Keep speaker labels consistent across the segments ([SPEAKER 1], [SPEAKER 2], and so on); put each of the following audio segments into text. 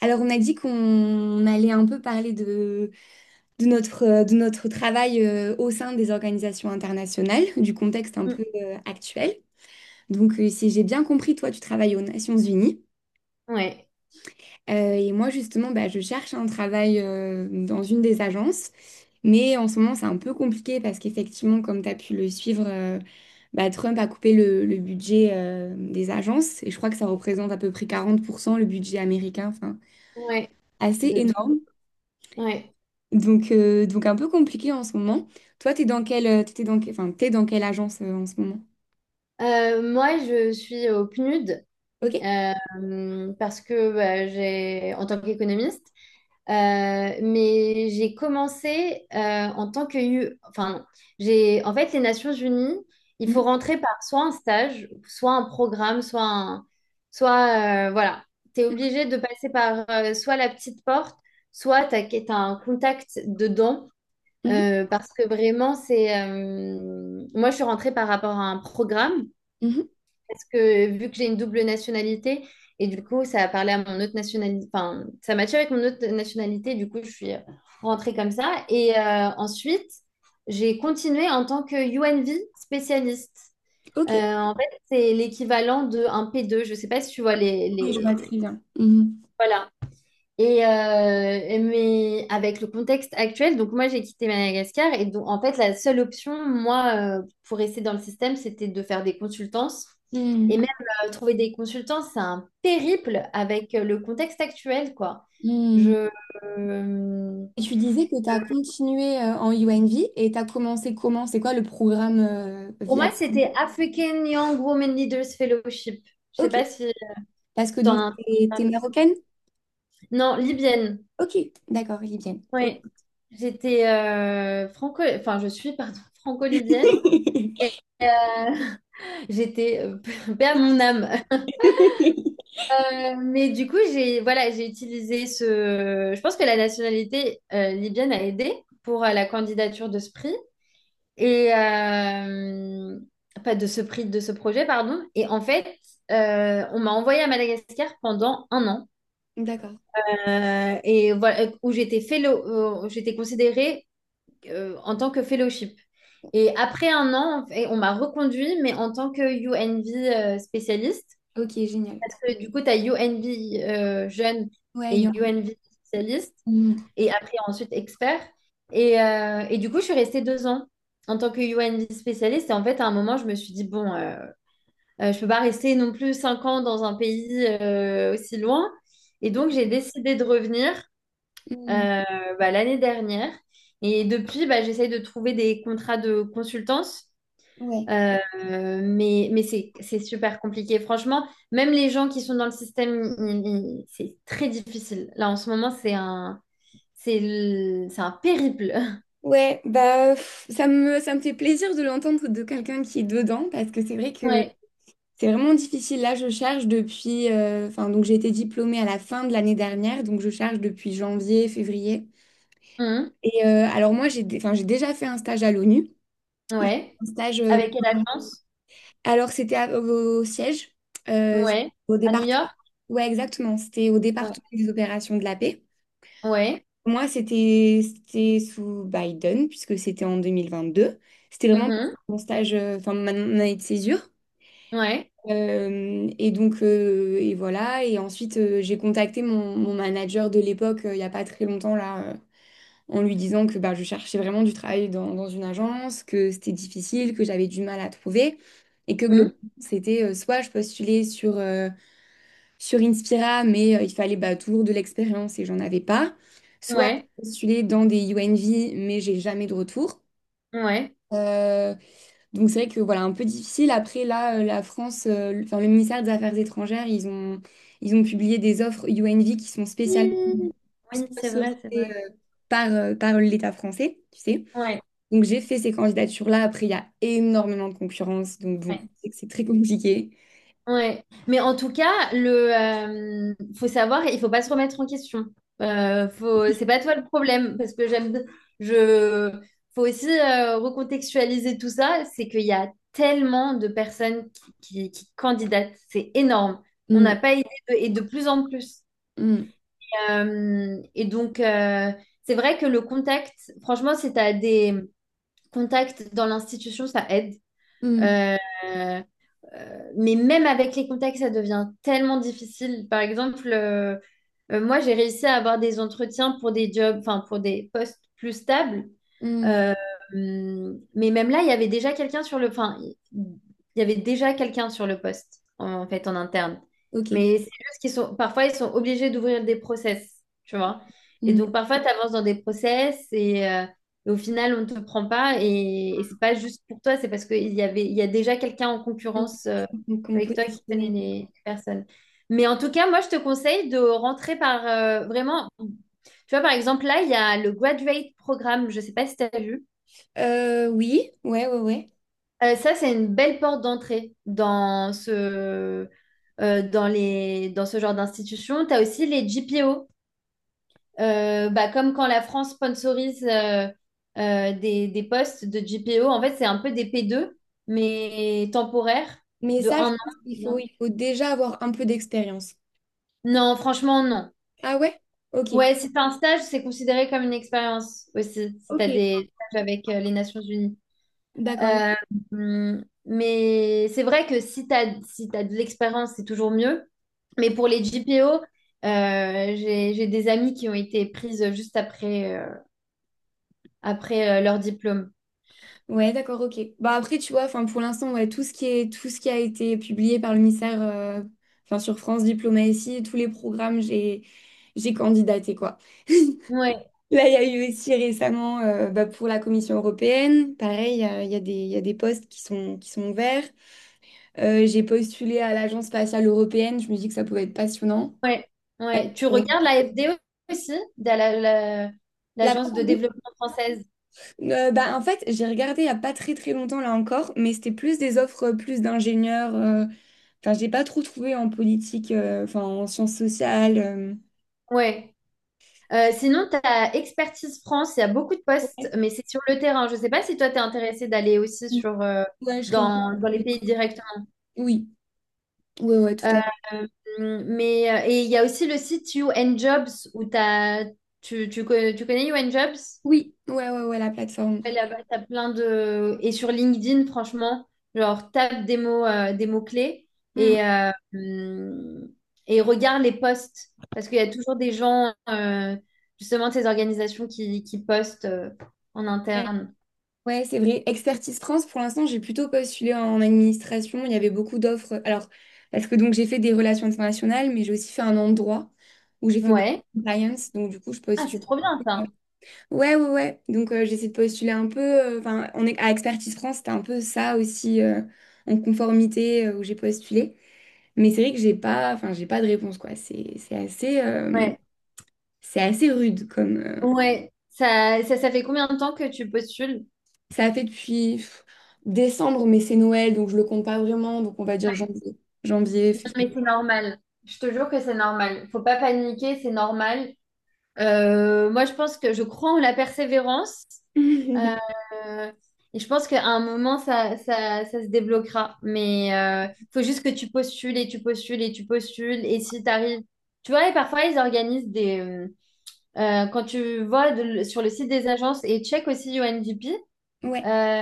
[SPEAKER 1] Alors, on a dit qu'on allait un peu parler de notre travail au sein des organisations internationales, du contexte un
[SPEAKER 2] Mm.
[SPEAKER 1] peu actuel. Donc, si j'ai bien compris, toi, tu travailles aux Nations Unies.
[SPEAKER 2] Ouais,
[SPEAKER 1] Et moi, justement, bah, je cherche un travail dans une des agences. Mais en ce moment, c'est un peu compliqué parce qu'effectivement, comme tu as pu le suivre, Trump a coupé le budget des agences. Et je crois que ça représente à peu près 40% le budget américain. Enfin,
[SPEAKER 2] ouais,
[SPEAKER 1] assez
[SPEAKER 2] de tout.
[SPEAKER 1] énorme.
[SPEAKER 2] Ouais.
[SPEAKER 1] Donc un peu compliqué en ce moment. Toi, t'es dans quelle, t'es dans, que- enfin, t'es dans quelle agence en ce moment?
[SPEAKER 2] Moi, je suis au PNUD,
[SPEAKER 1] Ok.
[SPEAKER 2] parce que bah, j'ai, en tant qu'économiste, euh, mais j'ai commencé en tant que U. Enfin, j'ai, en fait, les Nations Unies, il faut
[SPEAKER 1] Mhm,
[SPEAKER 2] rentrer par soit un stage, soit un programme, soit un, soit voilà, t'es obligé de passer par soit la petite porte, soit t'as un contact dedans.
[SPEAKER 1] mhm,
[SPEAKER 2] Parce que vraiment, c'est... moi, je suis rentrée par rapport à un programme,
[SPEAKER 1] mhm.
[SPEAKER 2] parce que vu que j'ai une double nationalité, et du coup, ça a parlé à mon autre nationalité. Enfin, ça matchait avec mon autre nationalité, du coup, je suis rentrée comme ça. Et ensuite, j'ai continué en tant que UNV spécialiste. Euh,
[SPEAKER 1] Ok.
[SPEAKER 2] en fait, c'est l'équivalent d'un p deux. Je ne sais pas si tu vois les,
[SPEAKER 1] Oui, je vois
[SPEAKER 2] les...
[SPEAKER 1] très bien. Mhm.
[SPEAKER 2] Voilà, et mais avec le contexte actuel, donc moi j'ai quitté Madagascar. Et donc en fait la seule option, moi, pour rester dans le système, c'était de faire des consultances. Et
[SPEAKER 1] Mhm,
[SPEAKER 2] même trouver des consultants, c'est un périple avec le contexte actuel, quoi.
[SPEAKER 1] mhm.
[SPEAKER 2] Je, euh,
[SPEAKER 1] Et tu disais que tu as continué en UNV et tu as commencé comment? C'est quoi le programme
[SPEAKER 2] pour
[SPEAKER 1] via...
[SPEAKER 2] moi, c'était African Young Women Leaders Fellowship. Je sais
[SPEAKER 1] Ok.
[SPEAKER 2] pas si,
[SPEAKER 1] Parce que
[SPEAKER 2] si tu as
[SPEAKER 1] donc,
[SPEAKER 2] entendu
[SPEAKER 1] t'es
[SPEAKER 2] parler.
[SPEAKER 1] marocaine?
[SPEAKER 2] Non, libyenne.
[SPEAKER 1] Ok. D'accord, libyenne. Ok.
[SPEAKER 2] Oui. J'étais franco, enfin je suis, pardon, franco-libyenne. Et, euh, j'étais père mon âme. Mais du coup, j'ai voilà, j'ai utilisé ce... Je pense que la nationalité libyenne a aidé pour la candidature de ce prix et pas de ce prix, de ce projet, pardon. Et en fait, on m'a envoyée à Madagascar pendant 1 an.
[SPEAKER 1] D'accord.
[SPEAKER 2] Et voilà où j'étais fellow, j'étais considérée en tant que fellowship. Et après 1 an, en fait, on m'a reconduit, mais en tant que UNV spécialiste.
[SPEAKER 1] Ok, génial.
[SPEAKER 2] Du coup, tu as UNB jeune
[SPEAKER 1] Ouais, il y
[SPEAKER 2] et
[SPEAKER 1] en-
[SPEAKER 2] UNB spécialiste,
[SPEAKER 1] Mhm,
[SPEAKER 2] et après ensuite expert. Et du coup, je suis restée 2 ans en tant que UNB spécialiste. Et en fait, à un moment, je me suis dit, bon, je peux pas rester non plus 5 ans dans un pays aussi loin. Et donc, j'ai décidé de revenir,
[SPEAKER 1] mhm.
[SPEAKER 2] euh, bah, l'année dernière. Et depuis, bah, j'essaye de trouver des contrats de consultance.
[SPEAKER 1] Ouais.
[SPEAKER 2] Euh, mais c'est super compliqué. Franchement, même les gens qui sont dans le système, c'est très difficile. Là, en ce moment, c'est un périple.
[SPEAKER 1] Ouais, bah pff, ça me fait plaisir de l'entendre de quelqu'un qui est dedans parce que c'est vrai que
[SPEAKER 2] Ouais.
[SPEAKER 1] c'est vraiment difficile. Là, je charge depuis, enfin donc j'ai été diplômée à la fin de l'année dernière, donc je charge depuis janvier, février.
[SPEAKER 2] Mhm.
[SPEAKER 1] Et alors moi j'ai, dé- enfin j'ai déjà fait un stage à l'ONU. J'ai fait
[SPEAKER 2] Ouais.
[SPEAKER 1] un stage,
[SPEAKER 2] Avec quelle agence?
[SPEAKER 1] alors c'était au siège, euh,
[SPEAKER 2] Ouais.
[SPEAKER 1] au
[SPEAKER 2] À New
[SPEAKER 1] département.
[SPEAKER 2] York?
[SPEAKER 1] Ouais, exactement. C'était au
[SPEAKER 2] Ouais.
[SPEAKER 1] département des opérations de la paix.
[SPEAKER 2] Ouais.
[SPEAKER 1] Moi, c'était sous Biden, puisque c'était en 2022. C'était vraiment pour
[SPEAKER 2] Mhm.
[SPEAKER 1] mon stage, mon année de césure.
[SPEAKER 2] Ouais.
[SPEAKER 1] Et voilà. Et ensuite, j'ai contacté mon manager de l'époque, il n'y a pas très longtemps, en lui disant que bah, je cherchais vraiment du travail dans une agence, que c'était difficile, que j'avais du mal à trouver. Et que globalement,
[SPEAKER 2] Mhm.
[SPEAKER 1] c'était soit je postulais sur Inspira, mais il fallait bah, toujours de l'expérience et j'en avais pas. Soit
[SPEAKER 2] Ouais.
[SPEAKER 1] j'ai postulé dans des UNV, mais j'ai jamais de retour.
[SPEAKER 2] Ouais.
[SPEAKER 1] Euh, donc c'est vrai que voilà, un peu difficile. Après, là, la France, le- enfin, le ministère des Affaires étrangères, ils ont publié des offres UNV qui sont spécialement
[SPEAKER 2] Mhm. Oui, c'est vrai, c'est
[SPEAKER 1] autorisées
[SPEAKER 2] vrai.
[SPEAKER 1] par l'État français, tu sais.
[SPEAKER 2] Ouais.
[SPEAKER 1] Donc j'ai fait ces candidatures-là. Après, il y a énormément de concurrence. Donc bon, c'est très compliqué.
[SPEAKER 2] Ouais. Mais en tout cas, le faut savoir, il faut pas se remettre en question. Faut, c'est pas toi le problème, parce que je, faut aussi recontextualiser tout ça. C'est qu'il y a tellement de personnes qui candidatent, c'est énorme. On
[SPEAKER 1] Mm,
[SPEAKER 2] n'a pas idée et de plus en plus.
[SPEAKER 1] mm,
[SPEAKER 2] Et donc, c'est vrai que le contact, franchement, si tu as des contacts dans l'institution, ça aide.
[SPEAKER 1] mm,
[SPEAKER 2] Euh, mais même avec les contacts, ça devient tellement difficile. Par exemple, moi, j'ai réussi à avoir des entretiens pour des jobs, enfin pour des postes plus stables.
[SPEAKER 1] mm.
[SPEAKER 2] Euh, mais même là, il y avait déjà quelqu'un sur le, enfin, il y avait déjà quelqu'un sur le poste, en fait, en interne.
[SPEAKER 1] Ok.
[SPEAKER 2] Mais c'est juste qu'ils sont, parfois, ils sont obligés d'ouvrir des process, tu vois. Et
[SPEAKER 1] Mm,
[SPEAKER 2] donc parfois, tu avances dans des process et au final, on ne te prend pas. Et c'est pas juste pour toi, c'est parce il y a déjà quelqu'un en
[SPEAKER 1] mm.
[SPEAKER 2] concurrence,
[SPEAKER 1] Donc on
[SPEAKER 2] avec
[SPEAKER 1] peut
[SPEAKER 2] toi qui connais
[SPEAKER 1] dessiner.
[SPEAKER 2] les personnes. Mais en tout cas, moi, je te conseille de rentrer par vraiment. Tu vois, par exemple, là, il y a le Graduate Programme. Je ne sais pas si tu as vu.
[SPEAKER 1] Oui, ouais, ouais, ouais.
[SPEAKER 2] Ça, c'est une belle porte d'entrée dans ce, dans les, dans ce genre d'institution. Tu as aussi les GPO. Bah, comme quand la France sponsorise des postes de GPO. En fait, c'est un peu des P2, mais temporaires,
[SPEAKER 1] Mais
[SPEAKER 2] de
[SPEAKER 1] ça, je
[SPEAKER 2] 1 an.
[SPEAKER 1] pense qu'il
[SPEAKER 2] deux
[SPEAKER 1] faut,
[SPEAKER 2] ans.
[SPEAKER 1] il faut déjà avoir un peu d'expérience.
[SPEAKER 2] Non, franchement, non.
[SPEAKER 1] Ah ouais? Ok.
[SPEAKER 2] Ouais, si t'as un stage, c'est considéré comme une expérience aussi, si t'as
[SPEAKER 1] Ok.
[SPEAKER 2] des stages avec les Nations Unies.
[SPEAKER 1] D'accord.
[SPEAKER 2] Euh, mais c'est vrai que si t'as de l'expérience, c'est toujours mieux. Mais pour les GPO, j'ai des amis qui ont été prises juste après, leur diplôme.
[SPEAKER 1] Ouais, d'accord, ok. Bah après, tu vois, enfin pour l'instant, ouais, tout ce qui a été publié par le ministère, enfin sur France Diplomatie, tous les programmes, j'ai candidaté, quoi.
[SPEAKER 2] Ouais,
[SPEAKER 1] Là, il y a eu aussi récemment, pour la Commission européenne, pareil, il y a des postes qui sont ouverts. J'ai postulé à l'Agence spatiale européenne, je me dis que ça pouvait être passionnant.
[SPEAKER 2] ouais, ouais. Tu
[SPEAKER 1] Euh,
[SPEAKER 2] regardes la FDE aussi, de la- la-
[SPEAKER 1] La...
[SPEAKER 2] l'agence de développement française.
[SPEAKER 1] Bah, en fait, j'ai regardé il n'y a pas très très longtemps là encore, mais c'était plus des offres plus d'ingénieurs. Enfin, j'ai pas trop trouvé en politique, enfin en sciences sociales.
[SPEAKER 2] Ouais. Sinon, tu as Expertise France, il y a beaucoup de postes,
[SPEAKER 1] Ouais.
[SPEAKER 2] mais c'est sur le terrain. Je ne sais pas si toi, tu es intéressé d'aller aussi
[SPEAKER 1] Oui.
[SPEAKER 2] sur,
[SPEAKER 1] Ouais, je serais-
[SPEAKER 2] dans les pays directement.
[SPEAKER 1] Oui, ouais, ouais, tout
[SPEAKER 2] Euh,
[SPEAKER 1] à fait.
[SPEAKER 2] et il y a aussi le site You and Jobs où tu connais You and Jobs?
[SPEAKER 1] Oui, ouais, ouais, ouais, la plateforme.
[SPEAKER 2] Ouais, là-bas, t'as plein de... Et sur LinkedIn, franchement, genre, tape des mots, des mots-clés
[SPEAKER 1] Hmm.
[SPEAKER 2] et, euh, hum, et regarde les posts. Parce qu'il y a toujours des gens, justement, de ces organisations qui postent en
[SPEAKER 1] Ouais,
[SPEAKER 2] interne.
[SPEAKER 1] ouais, c'est vrai. Expertise France, pour l'instant, j'ai plutôt postulé en administration. Il y avait beaucoup d'offres. Alors, parce que donc j'ai fait des relations internationales, mais j'ai aussi fait un endroit où j'ai fait beaucoup
[SPEAKER 2] Ouais.
[SPEAKER 1] de compliance. Donc, du coup, je
[SPEAKER 2] Ah, c'est
[SPEAKER 1] postule.
[SPEAKER 2] trop bien, ça.
[SPEAKER 1] Ouais, ouais, ouais. Donc, j'essaie de postuler un peu. Enfin, on est à Expertise France, c'était un peu ça aussi en conformité où j'ai postulé. Mais c'est vrai que j'ai pas, enfin, j'ai pas de réponse, quoi.
[SPEAKER 2] Ouais.
[SPEAKER 1] C'est assez rude comme.
[SPEAKER 2] Ouais. Ça fait combien de temps que tu postules?
[SPEAKER 1] Ça a fait depuis pff, décembre, mais c'est Noël, donc je le compte pas vraiment. Donc, on va dire
[SPEAKER 2] Ouais.
[SPEAKER 1] janvier,
[SPEAKER 2] Non,
[SPEAKER 1] février.
[SPEAKER 2] mais c'est normal. Je te jure que c'est normal. Faut pas paniquer, c'est normal. Moi, je pense que je crois en la persévérance. Euh, et je pense qu'à un moment, ça se débloquera. Mais faut juste que tu postules et tu postules et tu postules. Et si tu arrives... Tu vois, et parfois, ils organisent des... Quand tu vois sur le site des agences, et check aussi UNDP,
[SPEAKER 1] Ouais.
[SPEAKER 2] euh,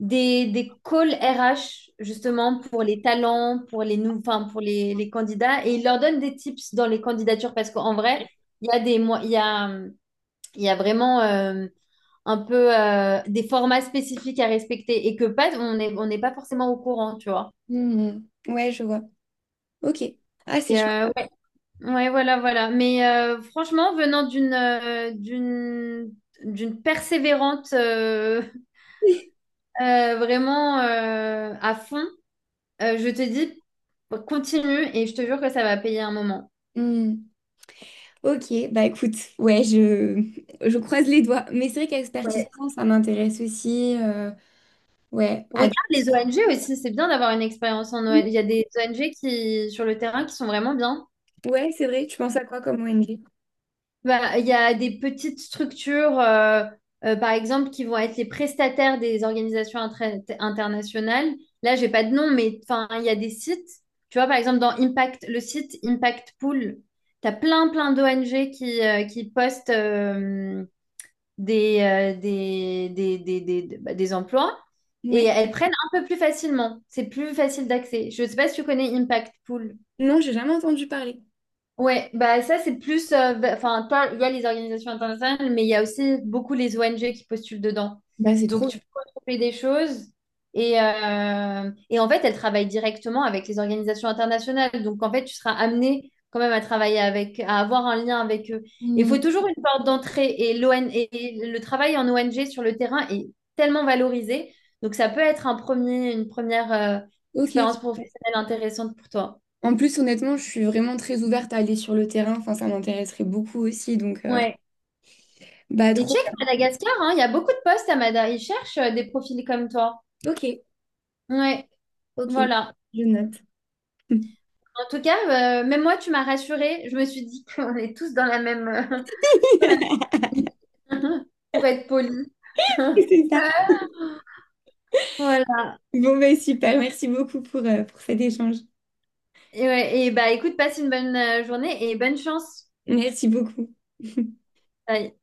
[SPEAKER 2] des calls RH, justement, pour les talents, enfin, pour les candidats. Et ils leur donnent des tips dans les candidatures parce qu'en vrai, il y a des, mo- il y a, il y a vraiment un peu des formats spécifiques à respecter et que pas, on n'est pas forcément au courant, tu vois.
[SPEAKER 1] Mhm. Ouais, je vois. Ok. Ah, c'est chouette.
[SPEAKER 2] Ouais, ouais, voilà, voilà. Mais franchement, venant d'une d'une persévérante vraiment à fond. Je te dis, continue et je te jure que ça va payer un moment.
[SPEAKER 1] Hmm. Ok, bah écoute, ouais, je croise les doigts. Mais c'est vrai qu'expertise
[SPEAKER 2] Ouais.
[SPEAKER 1] France, ça m'intéresse aussi. Ouais, à des-
[SPEAKER 2] Regarde les ONG aussi, c'est bien d'avoir une expérience en ONG. Il y a des ONG qui, sur le terrain, qui sont vraiment bien.
[SPEAKER 1] ouais, c'est vrai. Tu penses à quoi comme ONG?
[SPEAKER 2] Bah, il y a des petites structures, par exemple, qui vont être les prestataires des organisations internationales. Là, j'ai pas de nom, mais enfin, il y a des sites. Tu vois, par exemple, dans Impact, le site Impact Pool, tu as plein d'ONG qui postent des, bah, des emplois, et
[SPEAKER 1] Ouais.
[SPEAKER 2] elles prennent un peu plus facilement. C'est plus facile d'accès. Je ne sais pas si tu connais Impact Pool.
[SPEAKER 1] Non, j'ai jamais entendu parler.
[SPEAKER 2] Ouais, bah ça c'est plus, enfin toi, il y a les organisations internationales, mais il y a aussi beaucoup les ONG qui postulent dedans.
[SPEAKER 1] Bah c'est
[SPEAKER 2] Donc
[SPEAKER 1] trop.
[SPEAKER 2] tu peux retrouver des choses et en fait elles travaillent directement avec les organisations internationales. Donc en fait tu seras amené quand même à travailler avec, à avoir un lien avec eux. Il
[SPEAKER 1] Hmm,
[SPEAKER 2] faut toujours une porte d'entrée, et l'ON et le travail en ONG sur le terrain est tellement valorisé. Donc ça peut être une première
[SPEAKER 1] ok.
[SPEAKER 2] expérience professionnelle intéressante pour toi.
[SPEAKER 1] En plus, honnêtement, je suis vraiment très ouverte à aller sur le terrain. Enfin, ça m'intéresserait beaucoup aussi. Donc, bah
[SPEAKER 2] Et
[SPEAKER 1] trop
[SPEAKER 2] check Madagascar, hein, il y a beaucoup de postes à Madagascar. Ils cherchent des profils comme toi.
[SPEAKER 1] bien. Ok,
[SPEAKER 2] Ouais,
[SPEAKER 1] ok,
[SPEAKER 2] voilà.
[SPEAKER 1] je note.
[SPEAKER 2] En tout cas, même moi, tu m'as rassurée. Je me suis dit qu'on est tous dans la même, dans la même- pour être poli.
[SPEAKER 1] C'est ça.
[SPEAKER 2] Voilà.
[SPEAKER 1] Bon, bah super. Merci beaucoup pour cet échange.
[SPEAKER 2] Ouais, et bah écoute, passe une bonne journée et bonne chance.
[SPEAKER 1] Merci beaucoup.
[SPEAKER 2] Bye.